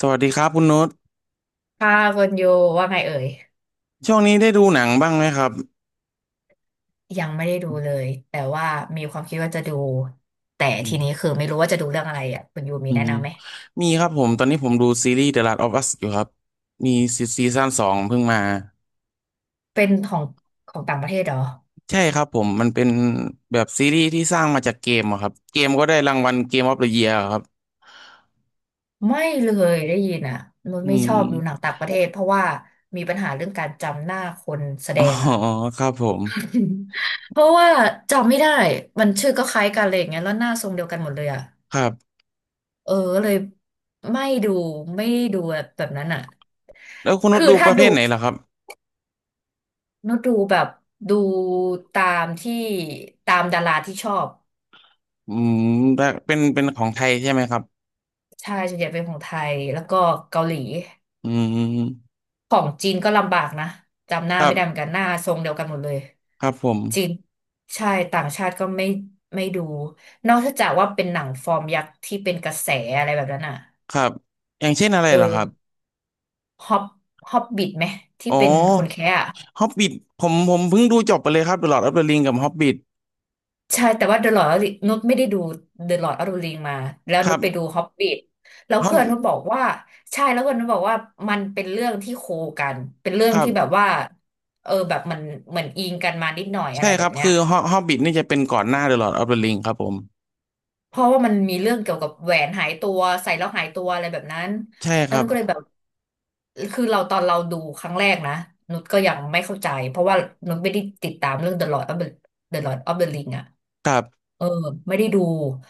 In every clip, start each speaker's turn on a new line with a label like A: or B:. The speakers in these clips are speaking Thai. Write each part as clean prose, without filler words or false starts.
A: สวัสดีครับคุณโน้ต
B: ค่ะคุณยูว่าไงเอ่ย
A: ช่วงนี้ได้ดูหนังบ้างไหมครับ
B: ยังไม่ได้ดูเลยแต่ว่ามีความคิดว่าจะดูแต่
A: อื
B: ทีนี้
A: ม
B: คือไม่รู้ว่าจะดูเรื่องอะไรอ่ะคุณยูมี
A: อื
B: แนะ
A: ม
B: นำไหม
A: มีครับผมตอนนี้ผมดูซีรีส์ The Last of Us อยู่ครับมีซีซั่นสองเพิ่งมา
B: เป็นของของต่างประเทศเหรอ
A: ใช่ครับผมมันเป็นแบบซีรีส์ที่สร้างมาจากเกมอะครับเกมก็ได้รางวัลเกมออฟเดอะเยียร์ครับ
B: ไม่เลยได้ยินอ่ะนุช
A: อื
B: ไม่ชอบดูหนัง
A: ม
B: ต่างประเทศเพราะว่ามีปัญหาเรื่องการจำหน้าคนแสด
A: อ๋อ
B: งอ่ะ
A: ครับผม
B: เพราะว่าจำไม่ได้มันชื่อก็คล้ายกันอะไรอย่างเงี้ยแล้วหน้าทรงเดียวกันหมดเลยอ่ะ
A: ครับ
B: เออเลยไม่ดูไม่ดูแบบนั้นอ่ะ
A: แล้วคุณโน้ต
B: คือ
A: ดูป
B: ถ้า
A: ระเภ
B: ดู
A: ทไหนล่ะครับ
B: นุชดูแบบดูตามที่ตามดาราที่ชอบ
A: อืมได้เป็นของไทยใช่ไหมครับ
B: ใช่ส่วนใหญ่เป็นของไทยแล้วก็เกาหลี
A: อืม
B: ของจีนก็ลำบากนะจำหน้า
A: ครั
B: ไม่ได้เหมือน
A: บ
B: กันหน้าทรงเดียวกันหมดเลย
A: ครับผม
B: จีนใช่ต่างชาติก็ไม่ไม่ดูนอกจากว่าเป็นหนังฟอร์มยักษ์ที่เป็นกระแสอะไรแบบนั้นอ่ะ
A: ครับอย่างเช่นอะไร
B: เอ
A: ล่ะค
B: อ
A: รับ
B: ฮอบฮอบบิทไหมที่
A: โอ
B: เป็นคน
A: ้
B: แคะ
A: ฮอบบิทผมเพิ่งดูจบไปเลยครับ The Lord of the Ring กับฮอบบิท
B: ใช่แต่ว่า The Lord of the นุชไม่ได้ดู The Lord of the Ring มาแล้ว
A: ค
B: นุ
A: รั
B: ช
A: บ
B: ไปดู Hobbit แล้ว
A: ฮอบ
B: เพื่อนนุชบอกว่าใช่แล้วเพื่อนนุชบอกว่ามันเป็นเรื่องที่โคกันเป็นเรื่อ
A: ค
B: ง
A: รั
B: ที่แบบ
A: บ
B: ว่าเออแบบมันเหมือนอิงกันมานิดหน่อยอะ
A: ใช่
B: ไรแบ
A: ครั
B: บ
A: บ
B: เนี้ย
A: คือฮอบบิทนี่จะเป็นก่อนหน้า The Lord of the Ring ครับผม
B: เพราะว่ามันมีเรื่องเกี่ยวกับแหวนหายตัวใส่แล้วหายตัวอะไรแบบนั้น
A: ใช่ค
B: แล้ว
A: รั
B: นุ
A: บ
B: ชก็เลยแบบคือเราตอนเราดูครั้งแรกนะนุชก็ยังไม่เข้าใจเพราะว่านุชไม่ได้ติดตามเรื่อง The Lord of the Ring อะ
A: ครับ
B: เออไม่ได้ดู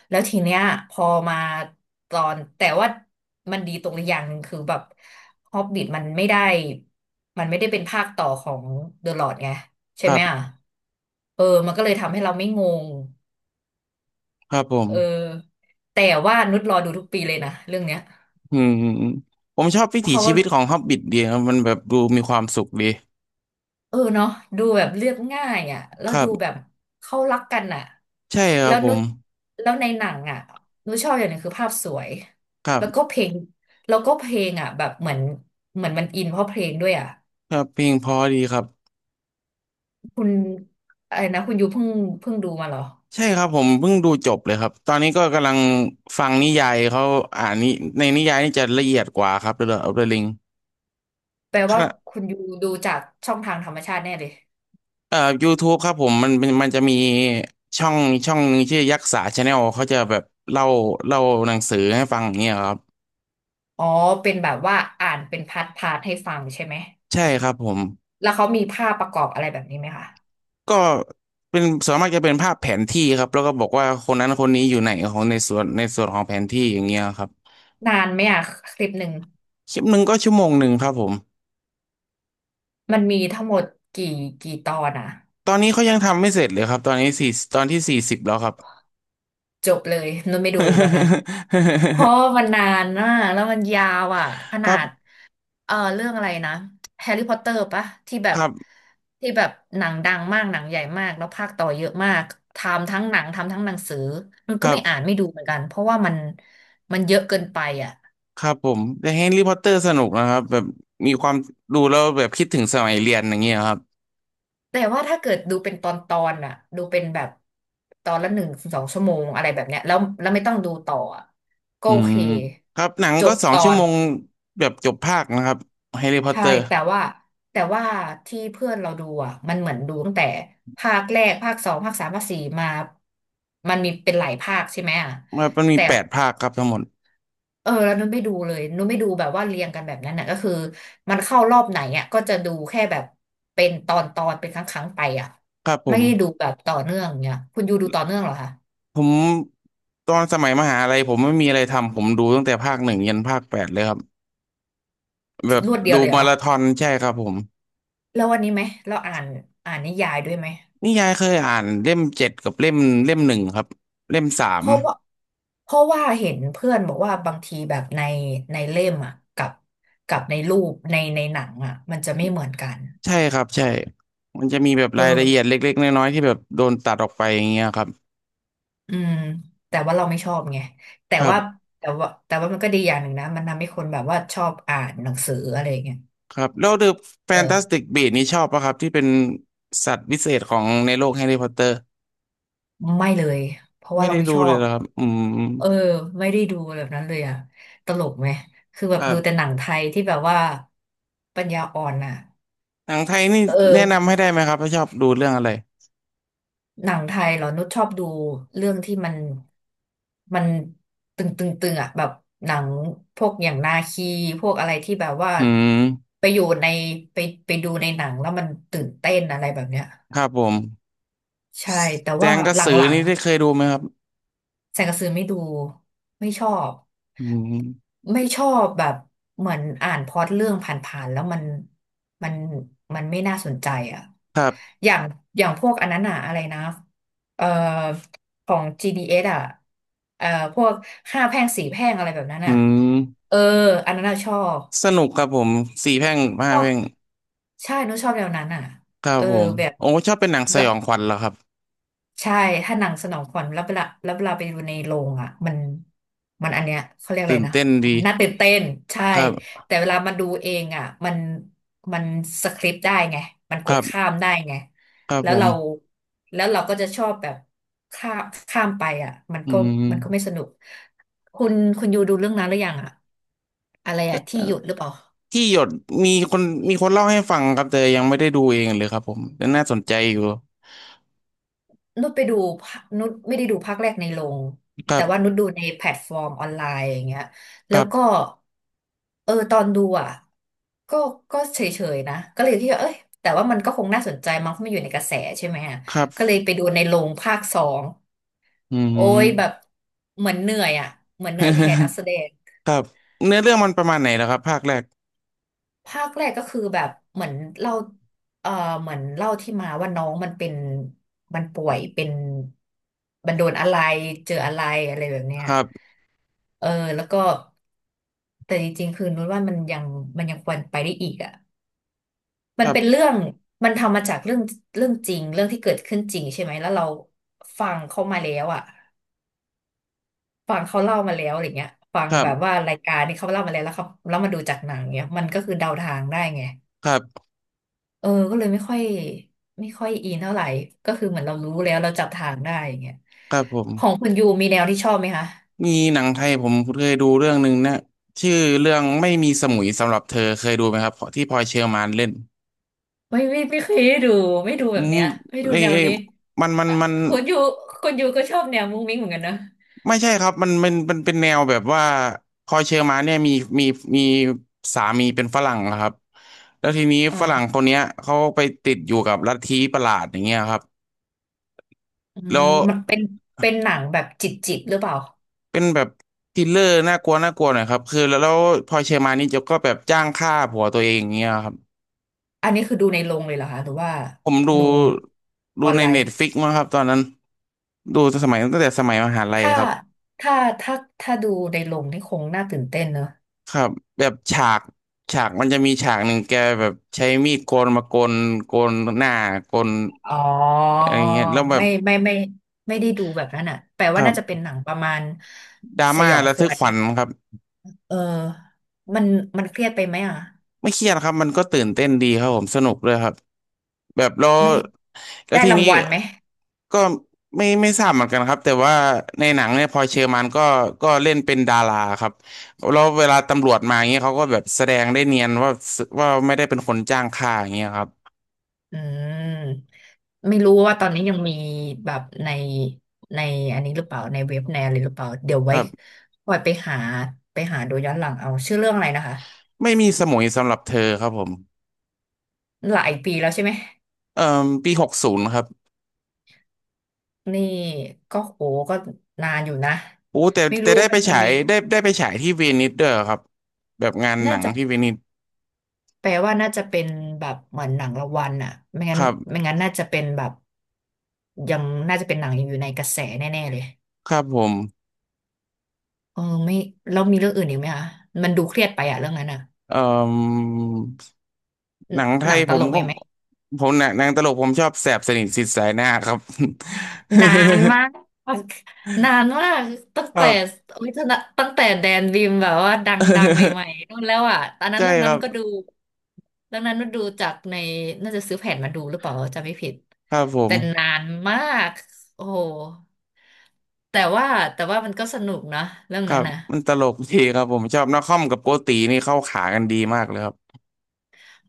B: แล้วทีเนี้ยพอมาตอนแต่ว่ามันดีตรงอย่างหนึ่งคือแบบฮอบบิ t มันไม่ได้เป็นภาคต่อของเดอะลอ d ไงใช่
A: ครั
B: ไหมอ่ะ
A: บ
B: เออมันก็เลยทำให้เราไม่งง
A: ครับผม
B: เออแต่ว่านุชรอดูทุกปีเลยนะเรื่องเนี้ย
A: อืมอืมอืมผมชอบวิ
B: เพ
A: ถี
B: ราะ
A: ชี
B: ว่า
A: วิตของฮอบบิทดีครับมันแบบดูมีความสุขดี
B: เออเนาะดูแบบเรียบง่ายอ่ะแล้
A: ค
B: ว
A: รั
B: ดู
A: บ
B: แบบเขารักกันอ่ะ
A: ใช่ครั
B: แล้
A: บ
B: ว
A: ผ
B: นุ
A: ม
B: ชแล้วในหนังอ่ะนุชชอบอย่างหนึงคือภาพสวย
A: ครั
B: แล้วก็
A: บ
B: เพลงแล้วก็เพลงอ่ะแบบเหมือนเหมือนมันอินเพราะเพลงด้วยอ่ะ
A: ครับเพลงเพอดีครับ
B: คุณอะไรนะคุณยูเพิ่งดูมาเหรอ
A: ใช่ครับผมเพิ่งดูจบเลยครับตอนนี้ก็กำลังฟังนิยายเขาอ่านในนิยายนี่จะละเอียดกว่าครับ The Lord of the Ring
B: แปลว่าคุณยูดูจากช่องทางธรรมชาติแน่เลย
A: YouTube ครับผมมันจะมีช่องช่องหนึงชื่อยักษ์สาชาแนลเขาจะแบบเล่าเล่าหนังสือให้ฟังอย่างเงี้ยครับ
B: อ๋อเป็นแบบว่าอ่านเป็นพาร์ทพาร์ทให้ฟังใช่ไหม
A: ใช่ครับผม
B: แล้วเขามีภาพประกอบอะไรแบบนี้ไหมคะ
A: ก็เป็นส่วนมากจะเป็นภาพแผนที่ครับแล้วก็บอกว่าคนนั้นคนนี้อยู่ไหนของในส่วนของแผนที่อย่างเงี้ยครับ
B: นานไหมอ่ะคลิปหนึ่ง
A: คลิปหนึ่งก็ชั่วโมงหนึ่งครับผม
B: มันมีทั้งหมดกี่กี่ตอนอ่ะ
A: ตอนนี้เขายังทำไม่เสร็จเลยครับตอนนี้ตอนที่40แล้วครับ
B: จบเลยนุ่นไม่ดูแบบนั้นเพราะ มันนานนะแล้วมันยาวอ่ะข
A: ค
B: นา
A: รั
B: ด
A: บ
B: เออเรื่องอะไรนะแฮร์รี่พอตเตอร์ปะที่แบ
A: ค
B: บ
A: รับ
B: ที่แบบหนังดังมากหนังใหญ่มากแล้วภาคต่อเยอะมากทำทั้งหนังทำทั้งหนังสือนุ่น
A: ค
B: ก็
A: รั
B: ไม่อ่าน
A: บ
B: ไม่ดูเหมือนกันเพราะว่ามันเยอะเกินไปอ่ะ
A: ครับผมแต่แฮร์รี่พอตเตอร์สนุกนะครับแบบมีความดูแล้วแบบคิดถึงสมัยเรียนอย่างเงี้ยครับ
B: แต่ว่าถ้าเกิดดูเป็นตอนตอนอ่ะดูเป็นแบบตอนละหนึ่งสองชั่วโมงอะไรแบบเนี้ยแล้วไม่ต้องดูต่ออะก็
A: อื
B: โอเค
A: มครับหนัง
B: จ
A: ก็
B: บ
A: สอง
B: ตอ
A: ชั่ว
B: น
A: โมงแบบจบภาคนะครับแฮร์รี่พอตเต
B: ใช่
A: อร์
B: แต่ว่าแต่ว่าที่เพื่อนเราดูอ่ะมันเหมือนดูตั้งแต่ภาคแรกภาคสองภาคสามภาคสี่มามันมีเป็นหลายภาคใช่ไหมอ่ะ
A: ครับมันมี
B: แต่
A: แปดภาคครับทั้งหมด
B: เออแล้วนุ้นไม่ดูเลยนุ้นไม่ดูแบบว่าเรียงกันแบบนั้นน่ะก็คือมันเข้ารอบไหนอ่ะก็จะดูแค่แบบเป็นตอนตอนเป็นครั้งครั้งไปอ่ะ
A: ครับผ
B: ไม่
A: ม
B: ได้ดูแบบต่อเนื่องเนี่ยคุณยูดูต่อเนื่องเหรอคะ
A: ผมตอนสมัยมหาลัยผมไม่มีอะไรทำผมดูตั้งแต่ภาคหนึ่งยันภาคแปดเลยครับแบบ
B: รวดเดี
A: ดู
B: ยวเลยเห
A: มา
B: รอ
A: ราธอนใช่ครับผม
B: แล้ววันนี้ไหมเราอ่านอ่านนิยายด้วยไหม
A: นิยายเคยอ่านเล่มเจ็ดกับเล่มหนึ่งครับเล่มสา
B: เพ
A: ม
B: ราะว่าเพราะว่าเห็นเพื่อนบอกว่าบางทีแบบในในเล่มอ่ะกับกับในรูปในในหนังอ่ะมันจะไม่เหมือนกัน
A: ใช่ครับใช่ มันจะมีแบบ
B: เอ
A: รายละเอีย
B: อ
A: ดเล็กๆน้อยๆที่แบบโดนตัดออกไปอย่างเงี้ยครับ
B: อืมแต่ว่าเราไม่ชอบไงแต่
A: ครับ
B: ว่าแต่ว่าแต่ว่ามันก็ดีอย่างหนึ่งนะมันทำให้คนแบบว่าชอบอ่านหนังสืออะไรอย่างเงี้ย
A: ครับแล้ว The
B: เออ
A: Fantastic Beasts นี่ชอบปะครับที่เป็นสัตว์วิเศษของในโลกแฮร์รี่พอตเตอร์
B: ไม่เลยเพราะ
A: ไม่
B: ว่าเรา
A: ได้
B: ไม่
A: ดู
B: ชอ
A: เลย
B: บ
A: เหรอครับอืม
B: เออไม่ได้ดูแบบนั้นเลยอ่ะตลกไหมคือแบ
A: ค
B: บ
A: รั
B: ดูแต่หนั
A: บ
B: งไทยที่แบบว่าปัญญาอ่อนอ่ะ
A: หนังไทยนี่
B: เ
A: แนะนำ
B: ออ
A: ให้ได้ไหมครับถ้าชอบดูเรื่องอะไร
B: หนังไทยเหรอนุชชอบดูเรื่องที่มันมันตึงตึงตึงอ่ะแบบหนังพวกอย่างนาคีพวกอะไรที่แบบว่า
A: อืม
B: ไปอยู่ในไปไปดูในหนังแล้วมันตื่นเต้นอะไรแบบเนี้ย
A: ครับผม
B: ใช่แต่
A: แจ
B: ว่า
A: งกระ
B: หล
A: สือ
B: ัง
A: นี่ได้เคยดูไหมครับ
B: ๆแสงกระสือไม่ดูไม่ชอบ
A: อืม
B: ไม่ชอบแบบเหมือนอ่านพล็อตเรื่องผ่านๆแล้วมันมันไม่น่าสนใจอ่ะอย่างอย่างพวกอันนั้นอะอะไรนะเอ่อของ GDS อสอ่ะเอ่อพวกห้าแพร่งสี่แพร่งอะไรแบบนั้น
A: อื
B: อ่ะ
A: ม
B: เอออันนั้นอะชอบ
A: สนุกครับผมสี่แพร่ง
B: ช
A: ห้า
B: อ
A: แพ
B: บ
A: ร่ง
B: ใช่หนูชอบแนวนั้นอ่ะ
A: ครับ
B: เออ
A: ผม
B: แบ
A: โอ้ชอบเป็นหนังสย
B: บ
A: องขวัญเหรอครับ
B: ใช่ถ้าหนังสนองขวัญแล้วเวลาไปดูในโรงอ่ะมันอันเนี้ยเขาเรียกอะ
A: ตื่
B: ไร
A: น
B: นะ
A: เต้นดี
B: น่าตื่นเต้นใช่
A: ครับ
B: แต่เวลามาดูเองอ่ะ มันมันสคริปต์ได้ไง มันก
A: ค
B: ด
A: รั
B: ข้า
A: บ
B: มได้ไง
A: ครับ
B: แล้
A: ผ
B: ว
A: ม
B: เราแล้วเราก็จะชอบแบบข้ามข้ามไปอ่ะมัน
A: อื
B: ก็มันก็ไม่
A: ม
B: สนุก คุณคุณยูดูเรื่องนั้นหรือยังอ่ะอะไรอ่ะที่หยุดหรือเปล่า
A: ที่หยดมีคน มีคนเล่าให้ฟังครับแต่ยังไม่ได้ดูเองเลยครับผม แต่น่าสนใจอยู่
B: นุชไปดูภานุชไม่ได้ดูภาคแรกในโรง
A: ครั
B: แต่ว่า
A: บ
B: นุชดูในแพลตฟอร์มออนไลน์อย่างเงี้ย
A: ค
B: แล้
A: รั
B: วก็
A: บ
B: เออตอนดูอ่ะก็ก็เฉยๆนะก็เลยคิดว่าเอ้ยแต่ว่ามันก็คงน่าสนใจมั้งเพราะมันอยู่ในกระแสใช่ไหมอะ
A: ครับ
B: ก็เลยไปดูในโรงภาคสอง
A: อืม
B: โอ้ยแบบเหมือนเหนื่อยอ่ะเหมือนเหนื่อยแทนนักแส ดง
A: ครับเนื้อเรื่องมันประมาณไหนแล้วครับภาคแรก
B: ภาคแรกก็คือแบบเหมือนเล่าเออเหมือนเล่าที่มาว่าน้องมันเป็นมันป่วยเป็นมันโดนอะไรเจออะไรอะไรแบบเนี้
A: ค
B: ย
A: รับ
B: เออแล้วก็แต่จริงๆคือนุ้นว่ามันยังควรไปได้อีกอ่ะ
A: ค
B: มัน
A: รั
B: เป็นเรื่
A: บ
B: องมันทำมาจากเรื่องจริงเรื่องที่เกิดขึ้นจริงใช่ไหมแล้วเราฟังเขามาแล้วอ่ะฟังเขาเล่ามาแล้วอะไรเงี้ยฟัง
A: ครั
B: แบ
A: บ
B: บว่ารายการนี้เขาเล่ามาแล้วแล้วเขาแล้วมาดูจากหนังเนี้ยมันก็คือเดาทางได้ไง
A: ครับ
B: เออก็เลยไม่ค่อยอินเท่าไหร่ก็คือเหมือนเรารู้แล้วเราจับทางได้อย่างเงี้ย
A: ครับผม
B: ของคุณยูมีแนวที่ชอบไหมคะ
A: มีหนังไทยผมเคยดูเรื่องหนึ่งนะชื่อเรื่องไม่มีสมุยสำหรับเธอเคยดูไหมครับที่พลอยเชอร์มานเล่น
B: ไม่เคยได้ดูไม่ดูแบ
A: อื
B: บ
A: ม
B: เนี้ยไม่ดู
A: เอ้ย
B: แนว
A: เอ้ย
B: นี้
A: มันมัน
B: อ่ะ
A: มัน
B: คุณยูคุณยูก็ชอบแนวมุ้งมิ้งเหมือนกันนะ
A: ไม่ใช่ครับมันเป็นแนวแบบว่าพลอยเชอร์มานเนี่ยมีมีสามีเป็นฝรั่งนะครับแล้วทีนี้
B: อ๋อ
A: ฝรั่งคนเนี้ยเขาไปติดอยู่กับลัทธิประหลาดอย่างเงี้ยครับ
B: อืม
A: แล้ว
B: มันเป็นเป็นหนังแบบจิตจิตหรือเปล่า
A: เป็นแบบทริลเลอร์น่ากลัวน่ากลัวหน่อยครับคือแล้วพลอยเชอร์มานนี่จะก็แบบจ้างฆ่าผัวตัวเองอย่างเงี้ยครับ
B: อันนี้คือดูในโรงเลยเหรอคะหรือว่า
A: ผมดู
B: ดู
A: ดู
B: ออน
A: ใน
B: ไล
A: เน็
B: น์
A: ตฟิกมั้งครับตอนนั้นดูสมัยตั้งแต่สมัยมหาลัย
B: ถ้า
A: ครับ
B: ถ้าถ้าถ้าดูในโรงนี่คงน่าตื่นเต้นเนอะ
A: ครับแบบฉากมันจะมีฉากหนึ่งแกแบบใช้มีดโกนมาโกนหน้าโกน
B: อ๋อ
A: อะไรเงี้ยแล้วแบบ
B: ไม่ไม่ได้ดูแบบนั้นอ่ะแปล
A: ค
B: ว่า
A: รั
B: น่าจะเป็น
A: บ
B: หนังประมาณ
A: ดรา
B: ส
A: ม่า
B: ยอง
A: ระ
B: ข
A: ทึก
B: วัญ
A: ขวั
B: นิ
A: ญ
B: ด
A: ครับ
B: เออมันมันเครียดไปไหมอ่ะ
A: ไม่เครียดครับมันก็ตื่นเต้นดีครับผมสนุกเ้ยครับแบบแล้ว
B: ไม่
A: แล้ว
B: ได้
A: ที
B: ราง
A: นี้
B: วัลไหม
A: ก็ไม่ทราบเหมือนกันครับแต่ว่าในหนังเนี่ยพลอยเชอร์มานก็เล่นเป็นดาราครับแล้วเวลาตำรวจมาอย่างเงี้ยเขาก็แบบแสดงได้เนียนว่าไม่ได้เป็นคนจ้างฆ่าอย่างเงี้ยครับ
B: อืมไม่รู้ว่าตอนนี้ยังมีแบบในอันนี้หรือเปล่าในเว็บในอะไรหรือเปล่าเดี๋ยวไว้คอยไปหาไปหาดูย้อนหลังเอาชื่อเรื่องอะไรนะคะ
A: ไม่มีสมุยสำหรับเธอครับผม
B: หลายปีแล้วใช่ไหม
A: เอ่อปี60ครับ
B: นี่ก็โหก็นานอยู่นะ
A: โอู้แต่
B: ไม่
A: แต่
B: รู้
A: ได้
B: มั
A: ไป
B: นจะ
A: ฉา
B: มี
A: ยได้ไปฉายที่เวนิสด้วยครับ แบบงานห
B: น่า
A: นัง
B: จะ
A: ที่เวนิส
B: แปลว่าน่าจะเป็นแบบเหมือนหนังรางวัลอ่ะไม่
A: ค
B: งั้น
A: รับ
B: ไม่งั้นน่าจะเป็นแบบยังน่าจะเป็นหนังอยู่ในกระแสแน่ๆเลย
A: ครับผม
B: เออไม่แล้วมีเรื่องอื่นอีกไหมคะมันดูเครียดไปอะเรื่องนั้นอะ
A: เอ่อหนังไท
B: หนั
A: ย
B: งต
A: ผ
B: ล
A: ม
B: กไห
A: ก็
B: มไหม
A: ผมหนังตลกผมชอบแสบสนิทสิทธิ์สายหน้าครับ
B: นานมากนานมากตั้ง
A: ครั
B: แต่
A: บ
B: โอ้ยตั้งแต่แดนบีมแบบว่าดังดังใหม่ ๆนู่นแล้วอะตอนนั้น
A: ใช่
B: เรื่อง
A: ค
B: นั้
A: รั
B: น
A: บ
B: ก็ดูเรื่องนั้นก็ดูจากในน่าจะซื้อแผ่นมาดูหรือเปล่าจำไม่ผิด
A: ครับผ
B: แต่นา
A: ม
B: นมากโอ้โหแต่ว่าแต่ว่ามันก็สนุกนะเรื่อง
A: ครั
B: นั้น
A: บ
B: นะ
A: มันตลกดีครับผมชอบนักคอมกับโกตีนี่เข้าขากันดีมากเลยครับ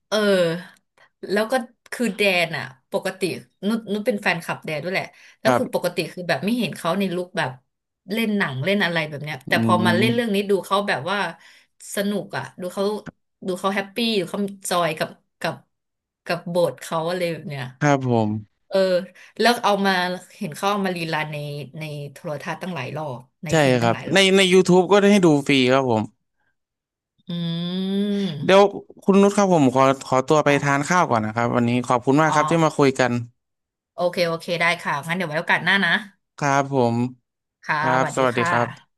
B: เออแล้วก็คือแดนอ่ะปกตินุชเป็นแฟนคลับแดนด้วยแหละแล้
A: ค
B: ว
A: รั
B: คือป
A: บ
B: กติคือแบบไม่เห็นเขาในลุคแบบเล่นหนังเล่นอะไรแบบเนี้ยแต่
A: อื
B: พอมาเล่นเรื่อง
A: ม
B: นี้ดูเขาแบบว่าสนุกอ่ะดูเขาดูเขาแฮปปี้ดูเขาจอยกับกับบทเขาอะไรแบบเนี้ย
A: ครับผม
B: เออแล้วเอามาเห็นเขาเอามารีรันในในโทรทัศน์ตั้งหลายรอบใน
A: ใช่
B: ทีวี
A: ค
B: ตั้
A: รั
B: ง
A: บ
B: หลายร
A: ใน
B: อบ
A: ใน YouTube ก็ได้ให้ดูฟรีครับผม
B: อื
A: เดี๋ยว
B: ม
A: คุณนุชครับผมขอตัวไป
B: ค่ะ
A: ทานข้าวก่อนนะครับวันนี้ขอบคุณมาก
B: อ๋อ
A: ครับที่มาคุยกัน
B: โอเคได้ค่ะงั้นเดี๋ยวไว้โอกาสหน้านะ
A: ครับผม
B: ค่ะ
A: ครั
B: ส
A: บ
B: วัส
A: ส
B: ดี
A: วัสดี
B: ค่
A: ครับ
B: ะ